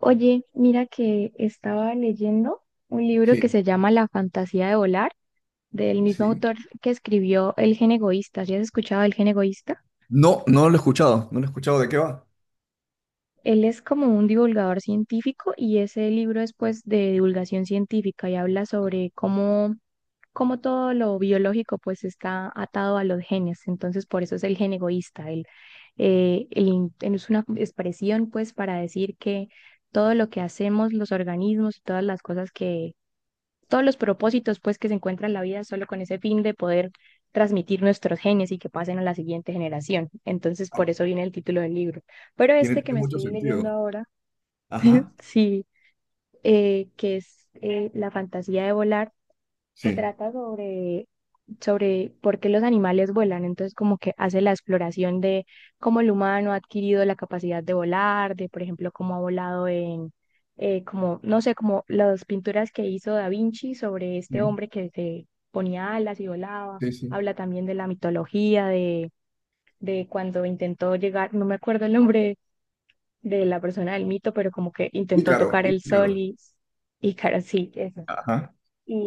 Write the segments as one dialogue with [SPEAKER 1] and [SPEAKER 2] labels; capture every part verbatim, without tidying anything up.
[SPEAKER 1] Oye, mira que estaba leyendo un libro que
[SPEAKER 2] Sí,
[SPEAKER 1] se llama La fantasía de volar, del mismo
[SPEAKER 2] sí.
[SPEAKER 1] autor que escribió El gen egoísta. ¿Sí has escuchado El gen egoísta?
[SPEAKER 2] No, no lo he escuchado, no lo he escuchado. ¿De qué va?
[SPEAKER 1] Él es como un divulgador científico y ese libro es pues de divulgación científica y habla sobre cómo, cómo todo lo biológico pues está atado a los genes. Entonces por eso es el gen egoísta. El, eh, el in- es una expresión pues para decir que todo lo que hacemos, los organismos y todas las cosas, todos los propósitos pues que se encuentra en la vida solo con ese fin de poder transmitir nuestros genes y que pasen a la siguiente generación. Entonces,
[SPEAKER 2] Ah,
[SPEAKER 1] por eso viene el título del libro. Pero
[SPEAKER 2] tiene,
[SPEAKER 1] este que
[SPEAKER 2] tiene
[SPEAKER 1] me
[SPEAKER 2] mucho
[SPEAKER 1] estoy leyendo
[SPEAKER 2] sentido.
[SPEAKER 1] ahora,
[SPEAKER 2] Ajá,
[SPEAKER 1] sí, eh, que es eh, La fantasía de volar, se
[SPEAKER 2] sí,
[SPEAKER 1] trata sobre, sobre por qué los animales vuelan. Entonces, como que hace la exploración de cómo el humano ha adquirido la capacidad de volar, de, por ejemplo, cómo ha volado en, eh, como, no sé, como las pinturas que hizo Da Vinci sobre este
[SPEAKER 2] sí,
[SPEAKER 1] hombre que se ponía alas y volaba.
[SPEAKER 2] sí, sí.
[SPEAKER 1] Habla también de la mitología, de, de cuando intentó llegar, no me acuerdo el nombre de la persona del mito, pero como que intentó
[SPEAKER 2] Ícaro,
[SPEAKER 1] tocar el
[SPEAKER 2] Ícaro.
[SPEAKER 1] sol y, y cara sí, eso
[SPEAKER 2] Ajá,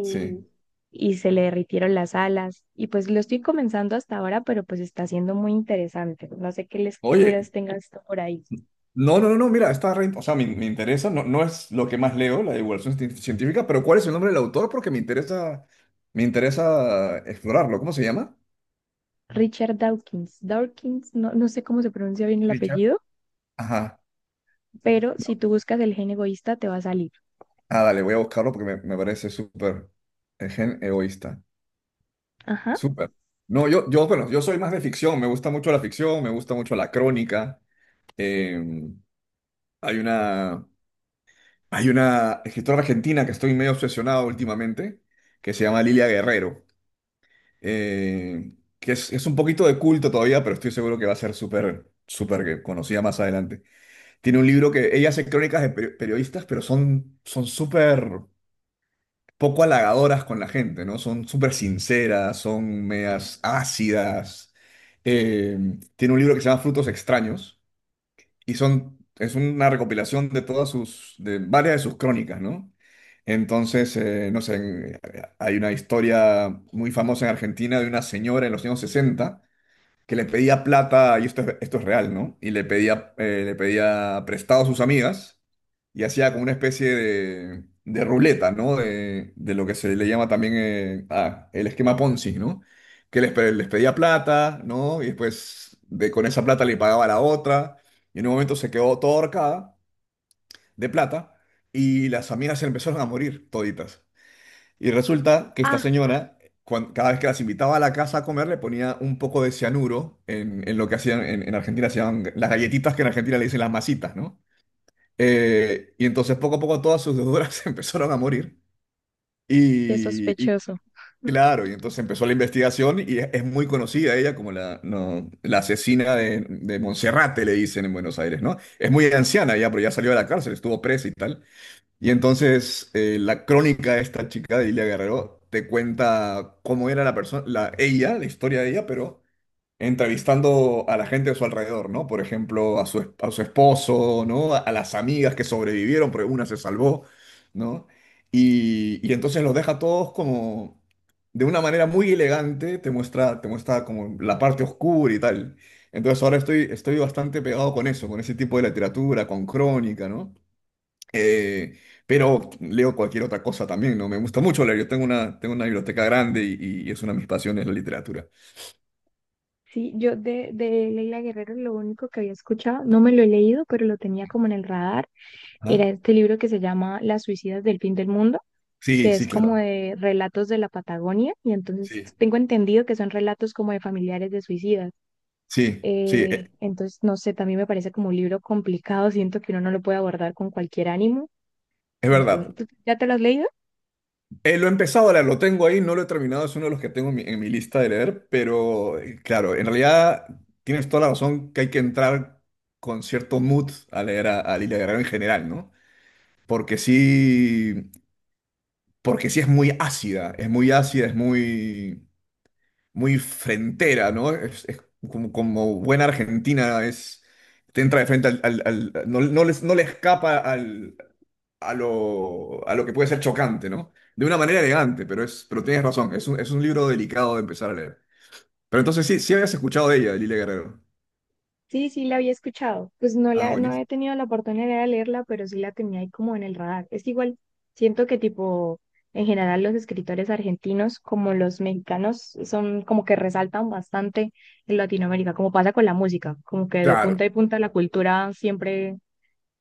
[SPEAKER 2] sí.
[SPEAKER 1] y se le derritieron las alas. Y pues lo estoy comenzando hasta ahora, pero pues está siendo muy interesante. No sé qué
[SPEAKER 2] Oye,
[SPEAKER 1] lecturas tengas tú por ahí.
[SPEAKER 2] no, no, no, no, mira, está re, o sea, me, me interesa, no, no es lo que más leo, la divulgación cien- científica, pero ¿cuál es el nombre del autor? Porque me interesa, me interesa explorarlo. ¿Cómo se llama?
[SPEAKER 1] Richard Dawkins. Dawkins, no, no sé cómo se pronuncia bien el
[SPEAKER 2] Richard.
[SPEAKER 1] apellido,
[SPEAKER 2] Ajá.
[SPEAKER 1] pero si tú buscas el gen egoísta te va a salir.
[SPEAKER 2] Ah, dale, voy a buscarlo porque me, me parece súper eh, gen egoísta.
[SPEAKER 1] Ajá.
[SPEAKER 2] Súper. No, yo, yo, bueno, yo soy más de ficción, me gusta mucho la ficción, me gusta mucho la crónica. Eh, Hay una, hay una escritora argentina que estoy medio obsesionado últimamente, que se llama Lilia Guerrero, eh, que es, es un poquito de culto todavía, pero estoy seguro que va a ser súper, súper conocida más adelante. Tiene un libro que ella hace crónicas de peri- periodistas, pero son, son súper poco halagadoras con la gente, ¿no? Son súper sinceras, son medias ácidas. Eh, Tiene un libro que se llama Frutos Extraños y son, es una recopilación de todas sus, de varias de sus crónicas, ¿no? Entonces, eh, no sé, en- hay una historia muy famosa en Argentina de una señora en los años sesenta que le pedía plata, y esto, es- esto es real, ¿no? Y le pedía, eh, le pedía prestado a sus amigas y hacía como una especie de, de ruleta, ¿no? De, de lo que se le llama también eh, ah, el esquema Ponzi, ¿no? Que les, pe- les pedía plata, ¿no? Y después de, con esa plata le pagaba a la otra. Y en un momento se quedó toda ahorcada de plata y las amigas se empezaron a morir toditas. Y resulta que esta
[SPEAKER 1] Ah,
[SPEAKER 2] señora, cuan- cada vez que las invitaba a la casa a comer, le ponía un poco de cianuro en, en lo que hacían en, en Argentina, se llaman las galletitas que en Argentina le dicen las masitas, ¿no? Eh, y entonces poco a poco todas sus deudoras empezaron a morir.
[SPEAKER 1] qué
[SPEAKER 2] Y, y
[SPEAKER 1] sospechoso.
[SPEAKER 2] claro, y entonces empezó la investigación y es, es muy conocida ella como la, no, la asesina de, de Monserrate, le dicen en Buenos Aires, ¿no? Es muy anciana ya, pero ya salió de la cárcel, estuvo presa y tal. Y entonces eh, la crónica de esta chica de Ilia Guerrero te cuenta cómo era la persona, la, ella, la historia de ella, pero entrevistando a la gente de su alrededor, ¿no? Por ejemplo, a su, es- a su esposo, ¿no? A, a las amigas que sobrevivieron, porque una se salvó, ¿no? Y, y entonces los deja todos como de una manera muy elegante, te muestra, te muestra como la parte oscura y tal. Entonces ahora estoy, estoy bastante pegado con eso, con ese tipo de literatura, con crónica, ¿no? Eh, pero leo cualquier otra cosa también, ¿no? Me gusta mucho leer. Yo tengo una, tengo una biblioteca grande y, y es una de mis pasiones la literatura.
[SPEAKER 1] Sí, yo de, de Leila Guerrero lo único que había escuchado, no me lo he leído, pero lo tenía como en el radar, era
[SPEAKER 2] Ajá.
[SPEAKER 1] este libro que se llama Las suicidas del fin del mundo,
[SPEAKER 2] Sí,
[SPEAKER 1] que es
[SPEAKER 2] sí,
[SPEAKER 1] como
[SPEAKER 2] claro.
[SPEAKER 1] de relatos de la Patagonia, y entonces
[SPEAKER 2] Sí,
[SPEAKER 1] tengo entendido que son relatos como de familiares de suicidas.
[SPEAKER 2] sí, sí,
[SPEAKER 1] Eh,
[SPEAKER 2] eh,
[SPEAKER 1] entonces, no sé, también me parece como un libro complicado, siento que uno no lo puede abordar con cualquier ánimo.
[SPEAKER 2] es
[SPEAKER 1] Entonces,
[SPEAKER 2] verdad.
[SPEAKER 1] ¿tú ya te lo has leído?
[SPEAKER 2] Eh, lo he empezado a leer, lo tengo ahí, no lo he terminado, es uno de los que tengo en mi, en mi lista de leer, pero eh, claro, en realidad tienes toda la razón que hay que entrar con cierto mood a leer a, a Lilia Guerrero en general, ¿no? Porque sí, porque sí es muy ácida, es muy ácida, es muy... muy frentera, ¿no? Es, es como, como buena argentina, es, te entra de frente al, al- al- no, no les, no le escapa al, a lo, a lo que puede ser chocante, ¿no? De una manera elegante, pero, es, pero tienes razón, es un, es un libro delicado de empezar a leer. Pero entonces sí, sí habías escuchado de ella, de Lilia Guerrero.
[SPEAKER 1] Sí, sí, la había escuchado. Pues no
[SPEAKER 2] Ah,
[SPEAKER 1] la, no
[SPEAKER 2] buenísimo.
[SPEAKER 1] he tenido la oportunidad de leerla, pero sí la tenía ahí como en el radar. Es que igual, siento que tipo, en general los escritores argentinos como los mexicanos son como que resaltan bastante en Latinoamérica, como pasa con la música, como que de
[SPEAKER 2] Claro,
[SPEAKER 1] punta y punta la cultura siempre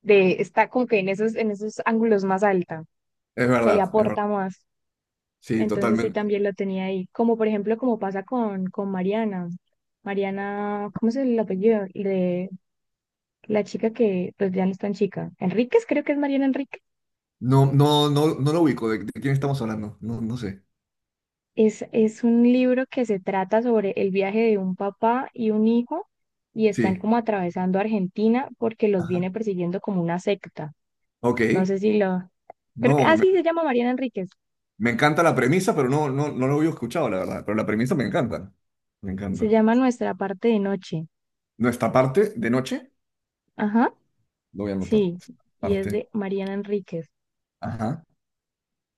[SPEAKER 1] de, está como que en esos, en esos ángulos más alta,
[SPEAKER 2] es
[SPEAKER 1] se le
[SPEAKER 2] verdad, es verdad.
[SPEAKER 1] aporta más.
[SPEAKER 2] Sí,
[SPEAKER 1] Entonces sí
[SPEAKER 2] totalmente.
[SPEAKER 1] también lo tenía ahí. Como por ejemplo, como pasa con, con Mariana. Mariana, ¿cómo es el apellido? La chica que pues ya no es tan chica, Enríquez, creo que es Mariana Enríquez,
[SPEAKER 2] No, no, no, no lo ubico, ¿de, de quién estamos hablando? No, no sé.
[SPEAKER 1] es, es un libro que se trata sobre el viaje de un papá y un hijo y están
[SPEAKER 2] Sí.
[SPEAKER 1] como atravesando Argentina porque los
[SPEAKER 2] Ajá.
[SPEAKER 1] viene persiguiendo como una secta.
[SPEAKER 2] Ok.
[SPEAKER 1] No sé si lo... Creo que...
[SPEAKER 2] No,
[SPEAKER 1] Ah, sí, se llama Mariana Enríquez.
[SPEAKER 2] me encanta la premisa, pero no, no, no lo había escuchado, la verdad. Pero la premisa me encanta. Me
[SPEAKER 1] Se
[SPEAKER 2] encanta.
[SPEAKER 1] llama Nuestra parte de noche.
[SPEAKER 2] Nuestra parte de noche,
[SPEAKER 1] Ajá,
[SPEAKER 2] lo voy a anotar.
[SPEAKER 1] sí. Y es
[SPEAKER 2] Parte.
[SPEAKER 1] de Mariana Enríquez.
[SPEAKER 2] Ajá.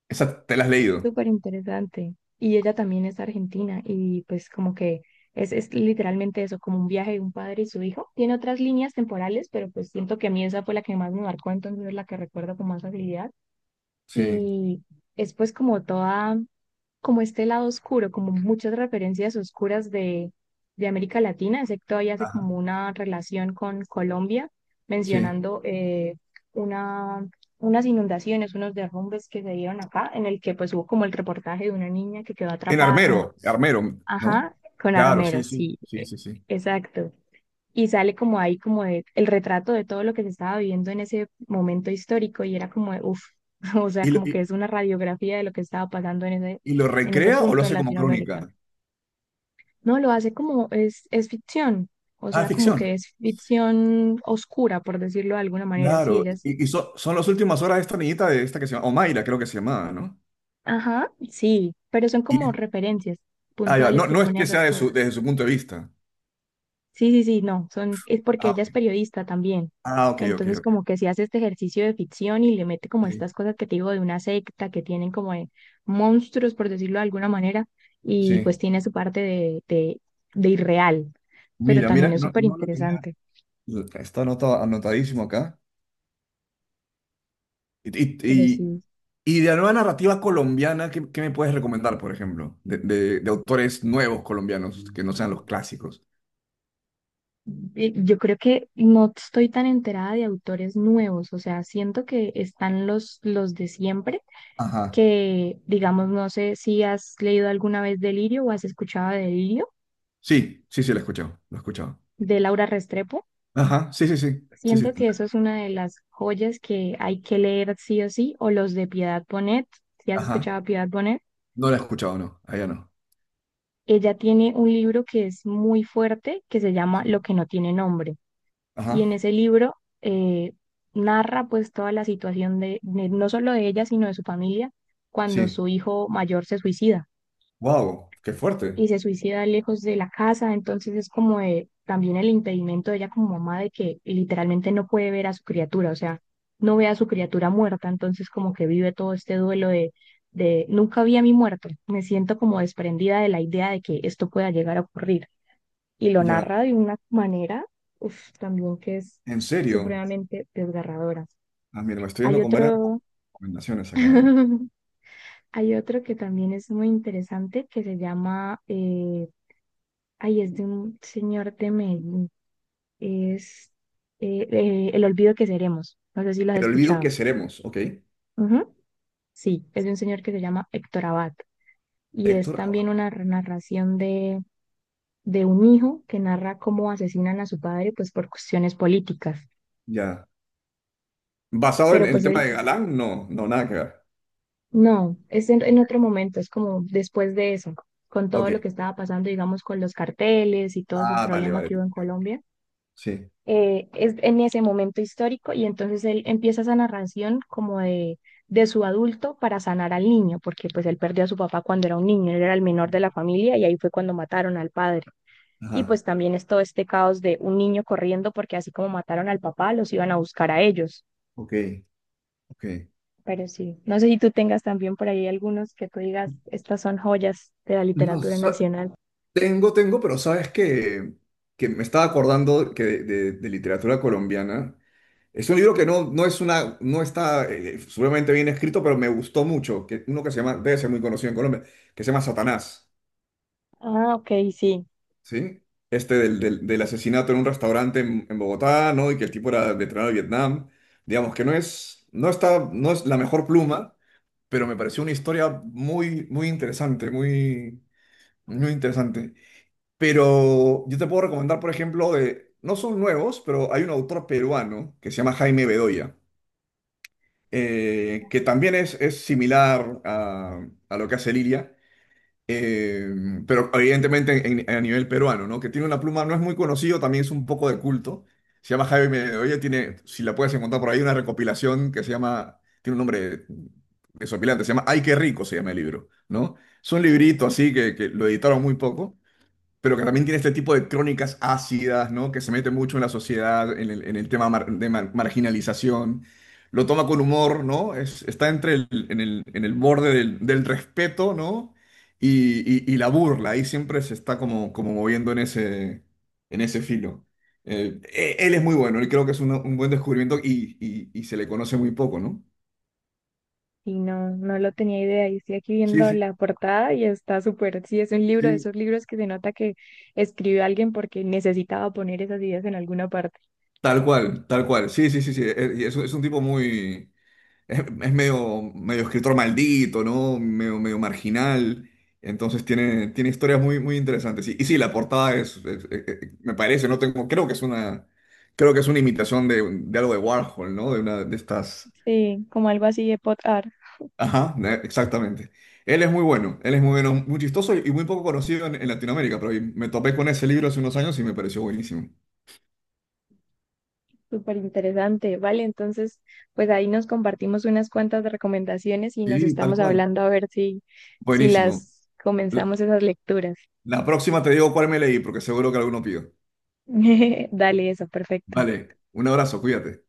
[SPEAKER 2] Esa te la has leído.
[SPEAKER 1] Súper interesante. Y ella también es argentina y pues como que es, es literalmente eso, como un viaje de un padre y su hijo. Tiene otras líneas temporales, pero pues siento que a mí esa fue la que más me marcó, entonces es la que recuerdo con más facilidad.
[SPEAKER 2] Sí.
[SPEAKER 1] Y es pues como toda, como este lado oscuro, como muchas referencias oscuras de, de América Latina. Sé que todavía hace
[SPEAKER 2] Ajá.
[SPEAKER 1] como una relación con Colombia,
[SPEAKER 2] Sí.
[SPEAKER 1] mencionando eh, una, unas inundaciones, unos derrumbes que se dieron acá, en el que pues hubo como el reportaje de una niña que quedó
[SPEAKER 2] En
[SPEAKER 1] atrapada como,
[SPEAKER 2] Armero, Armero, ¿no?
[SPEAKER 1] ajá, con
[SPEAKER 2] Claro, sí,
[SPEAKER 1] armeros,
[SPEAKER 2] sí.
[SPEAKER 1] sí,
[SPEAKER 2] Sí,
[SPEAKER 1] eh,
[SPEAKER 2] sí, sí.
[SPEAKER 1] exacto, y sale como ahí como de- el retrato de todo lo que se estaba viviendo en ese momento histórico y era como de, uff, o sea,
[SPEAKER 2] ¿Y lo,
[SPEAKER 1] como que es
[SPEAKER 2] y,
[SPEAKER 1] una radiografía de lo que estaba pasando en ese,
[SPEAKER 2] y lo
[SPEAKER 1] en ese
[SPEAKER 2] recrea o lo
[SPEAKER 1] punto en
[SPEAKER 2] hace como
[SPEAKER 1] Latinoamérica.
[SPEAKER 2] crónica?
[SPEAKER 1] No, lo hace como es, es ficción, o
[SPEAKER 2] Ah,
[SPEAKER 1] sea, como que
[SPEAKER 2] ficción.
[SPEAKER 1] es ficción oscura, por decirlo de alguna manera. Sí,
[SPEAKER 2] Claro.
[SPEAKER 1] ellas,
[SPEAKER 2] Y, y so- son las últimas horas de esta niñita de esta que se llama, Omaira, creo que se llamaba, ¿no?
[SPEAKER 1] ajá, sí, pero son como
[SPEAKER 2] Y,
[SPEAKER 1] referencias
[SPEAKER 2] ah, ya, no,
[SPEAKER 1] puntuales que
[SPEAKER 2] no es
[SPEAKER 1] pone a
[SPEAKER 2] que sea
[SPEAKER 1] esas
[SPEAKER 2] de su,
[SPEAKER 1] cosas.
[SPEAKER 2] desde su punto de vista.
[SPEAKER 1] Sí, sí, sí, no, son, es porque
[SPEAKER 2] Ah,
[SPEAKER 1] ella es
[SPEAKER 2] ok,
[SPEAKER 1] periodista también.
[SPEAKER 2] ah, ok, ok.
[SPEAKER 1] Entonces,
[SPEAKER 2] Ok.
[SPEAKER 1] como que si hace este ejercicio de ficción y le mete como
[SPEAKER 2] Sí.
[SPEAKER 1] estas cosas que te digo de una secta que tienen como de monstruos, por decirlo de alguna manera, y
[SPEAKER 2] Sí,
[SPEAKER 1] pues tiene su parte de, de, de irreal, pero
[SPEAKER 2] mira, mira
[SPEAKER 1] también
[SPEAKER 2] que
[SPEAKER 1] es
[SPEAKER 2] no,
[SPEAKER 1] súper
[SPEAKER 2] no la tenía,
[SPEAKER 1] interesante.
[SPEAKER 2] está anota- anotadísimo acá. Y, y,
[SPEAKER 1] Pero
[SPEAKER 2] y-
[SPEAKER 1] sí,
[SPEAKER 2] y de la nueva narrativa colombiana, ¿qué, qué me puedes recomendar, por ejemplo? De, de- de autores nuevos colombianos, que no sean los clásicos.
[SPEAKER 1] eh, yo creo que no estoy tan enterada de autores nuevos, o sea, siento que están los, los de siempre,
[SPEAKER 2] Ajá.
[SPEAKER 1] que digamos, no sé si has leído alguna vez Delirio o has escuchado de Delirio.
[SPEAKER 2] Sí, sí, sí, la he escuchado, la he escuchado.
[SPEAKER 1] De Laura Restrepo.
[SPEAKER 2] Ajá, sí, sí, sí, sí, sí.
[SPEAKER 1] Siento que eso es una de las joyas que hay que leer sí o sí, o los de Piedad Bonet. Si has
[SPEAKER 2] Ajá.
[SPEAKER 1] escuchado a Piedad Bonet,
[SPEAKER 2] No la he escuchado, no, allá no.
[SPEAKER 1] ella tiene un libro que es muy fuerte, que se llama
[SPEAKER 2] Sí.
[SPEAKER 1] Lo que no tiene nombre. Y
[SPEAKER 2] Ajá,
[SPEAKER 1] en ese libro eh, narra pues toda la situación de, de- no solo de ella, sino de su familia, cuando
[SPEAKER 2] sí.
[SPEAKER 1] su hijo mayor se suicida.
[SPEAKER 2] Wow, qué fuerte.
[SPEAKER 1] Y se suicida lejos de la casa, entonces es como de- también el impedimento de ella como mamá de que literalmente no puede ver a su criatura, o sea, no ve a su criatura muerta, entonces como que vive todo este duelo de, de nunca vi a mi muerto, me siento como desprendida de la idea de que esto pueda llegar a ocurrir. Y lo
[SPEAKER 2] Ya,
[SPEAKER 1] narra de una manera, uf, también que es
[SPEAKER 2] en serio.
[SPEAKER 1] supremamente desgarradora.
[SPEAKER 2] Ah, mira, me estoy yendo
[SPEAKER 1] Hay
[SPEAKER 2] con varias
[SPEAKER 1] otro,
[SPEAKER 2] recomendaciones acá. ¿Eh?
[SPEAKER 1] hay otro que también es muy interesante que se llama eh, ay, es de un señor de Medellín. Es eh, eh, El olvido que seremos. No sé si lo has
[SPEAKER 2] El olvido que
[SPEAKER 1] escuchado.
[SPEAKER 2] seremos, ¿ok?
[SPEAKER 1] Ujú. Sí, es de un señor que se llama Héctor Abad. Y es
[SPEAKER 2] Héctor.
[SPEAKER 1] también una narración de, de un hijo que narra cómo asesinan a su padre, pues por cuestiones políticas.
[SPEAKER 2] Ya. ¿Basado en,
[SPEAKER 1] Pero
[SPEAKER 2] en el
[SPEAKER 1] pues
[SPEAKER 2] tema
[SPEAKER 1] él,
[SPEAKER 2] de Galán? No, no, nada que ver.
[SPEAKER 1] no, es en, en otro momento, es como después de eso, con todo
[SPEAKER 2] Ok.
[SPEAKER 1] lo que estaba pasando, digamos, con los carteles y todo ese
[SPEAKER 2] Ah, vale,
[SPEAKER 1] problema
[SPEAKER 2] vale.
[SPEAKER 1] que
[SPEAKER 2] Te
[SPEAKER 1] hubo en
[SPEAKER 2] entiendo.
[SPEAKER 1] Colombia.
[SPEAKER 2] Sí.
[SPEAKER 1] Eh, es en ese momento histórico y entonces él empieza esa narración como de, de su adulto para sanar al niño, porque pues él perdió a su papá cuando era un niño, él era el menor de la familia y ahí fue cuando mataron al padre. Y
[SPEAKER 2] Ajá.
[SPEAKER 1] pues también es todo este caos de un niño corriendo porque así como mataron al papá, los iban a buscar a ellos.
[SPEAKER 2] Ok, ok.
[SPEAKER 1] Pero sí, no sé si tú tengas también por ahí algunos que tú digas, estas son joyas de la
[SPEAKER 2] No,
[SPEAKER 1] literatura
[SPEAKER 2] sa-
[SPEAKER 1] nacional.
[SPEAKER 2] tengo, tengo, pero sabes que, que me estaba acordando que de, de- de literatura colombiana. Es un libro que no, no es una, no está eh, seguramente bien escrito, pero me gustó mucho. Que, uno que se llama, debe ser muy conocido en Colombia, que se llama Satanás.
[SPEAKER 1] Ah, ok, sí.
[SPEAKER 2] ¿Sí? Este del, del- del asesinato en un restaurante en, en Bogotá, ¿no? Y que el tipo era veterano de Vietnam. Digamos que no es, no está, no es la mejor pluma, pero me pareció una historia muy, muy interesante, muy, muy interesante. Pero yo te puedo recomendar, por ejemplo, de, no son nuevos, pero hay un autor peruano que se llama Jaime Bedoya, eh, que también es, es similar a, a lo que hace Lilia eh, pero evidentemente en- en- a nivel peruano, ¿no? Que tiene una pluma, no es muy conocido, también es un poco de culto. Se llama Jaime Bedoya, tiene, si la puedes encontrar por ahí, una recopilación que se llama, tiene un nombre desopilante, se llama Ay, qué rico, se llama el libro, ¿no? Es un librito así que, que lo editaron muy poco pero que también tiene este tipo de crónicas ácidas, ¿no? Que se mete mucho en la sociedad, en el, en el tema mar- de mar- marginalización. Lo toma con humor, ¿no? Es- está entre el, en el, en el borde del, del respeto, ¿no? Y, y- y la burla, ahí siempre se está como, como moviendo en ese, en ese filo. Eh, e- él es muy bueno, él creo que es una- un buen descubrimiento y, y- y se le conoce muy poco, ¿no?
[SPEAKER 1] Y no, no lo tenía idea. Y estoy aquí
[SPEAKER 2] Sí,
[SPEAKER 1] viendo
[SPEAKER 2] sí,
[SPEAKER 1] la portada y está súper. Sí, es un libro de
[SPEAKER 2] sí.
[SPEAKER 1] esos libros que se nota que escribió alguien porque necesitaba poner esas ideas en alguna parte.
[SPEAKER 2] Tal cual, tal cual. Sí, sí, sí, sí. Eh, y es, un- es un tipo muy, Es, es medio, medio escritor maldito, ¿no? Medio, medio marginal. Entonces tiene, tiene historias muy, muy interesantes. Y, y sí, la portada es, es- es- es- me parece, no tengo, creo que es una, creo que es una imitación de, de algo de Warhol, ¿no? De una de estas.
[SPEAKER 1] Sí, como algo así de pot art.
[SPEAKER 2] Ajá, de- exactamente. Él es muy bueno, él es muy bueno, muy chistoso y muy poco conocido en, en Latinoamérica, pero me topé con ese libro hace unos años y me pareció buenísimo.
[SPEAKER 1] Súper interesante. Vale, entonces, pues ahí nos compartimos unas cuantas recomendaciones y nos
[SPEAKER 2] Sí, tal
[SPEAKER 1] estamos
[SPEAKER 2] cual.
[SPEAKER 1] hablando a ver si, si
[SPEAKER 2] Buenísimo.
[SPEAKER 1] las comenzamos esas lecturas.
[SPEAKER 2] La próxima te digo cuál me leí, porque seguro que alguno pido.
[SPEAKER 1] Dale, eso, perfecto.
[SPEAKER 2] Vale, un abrazo, cuídate.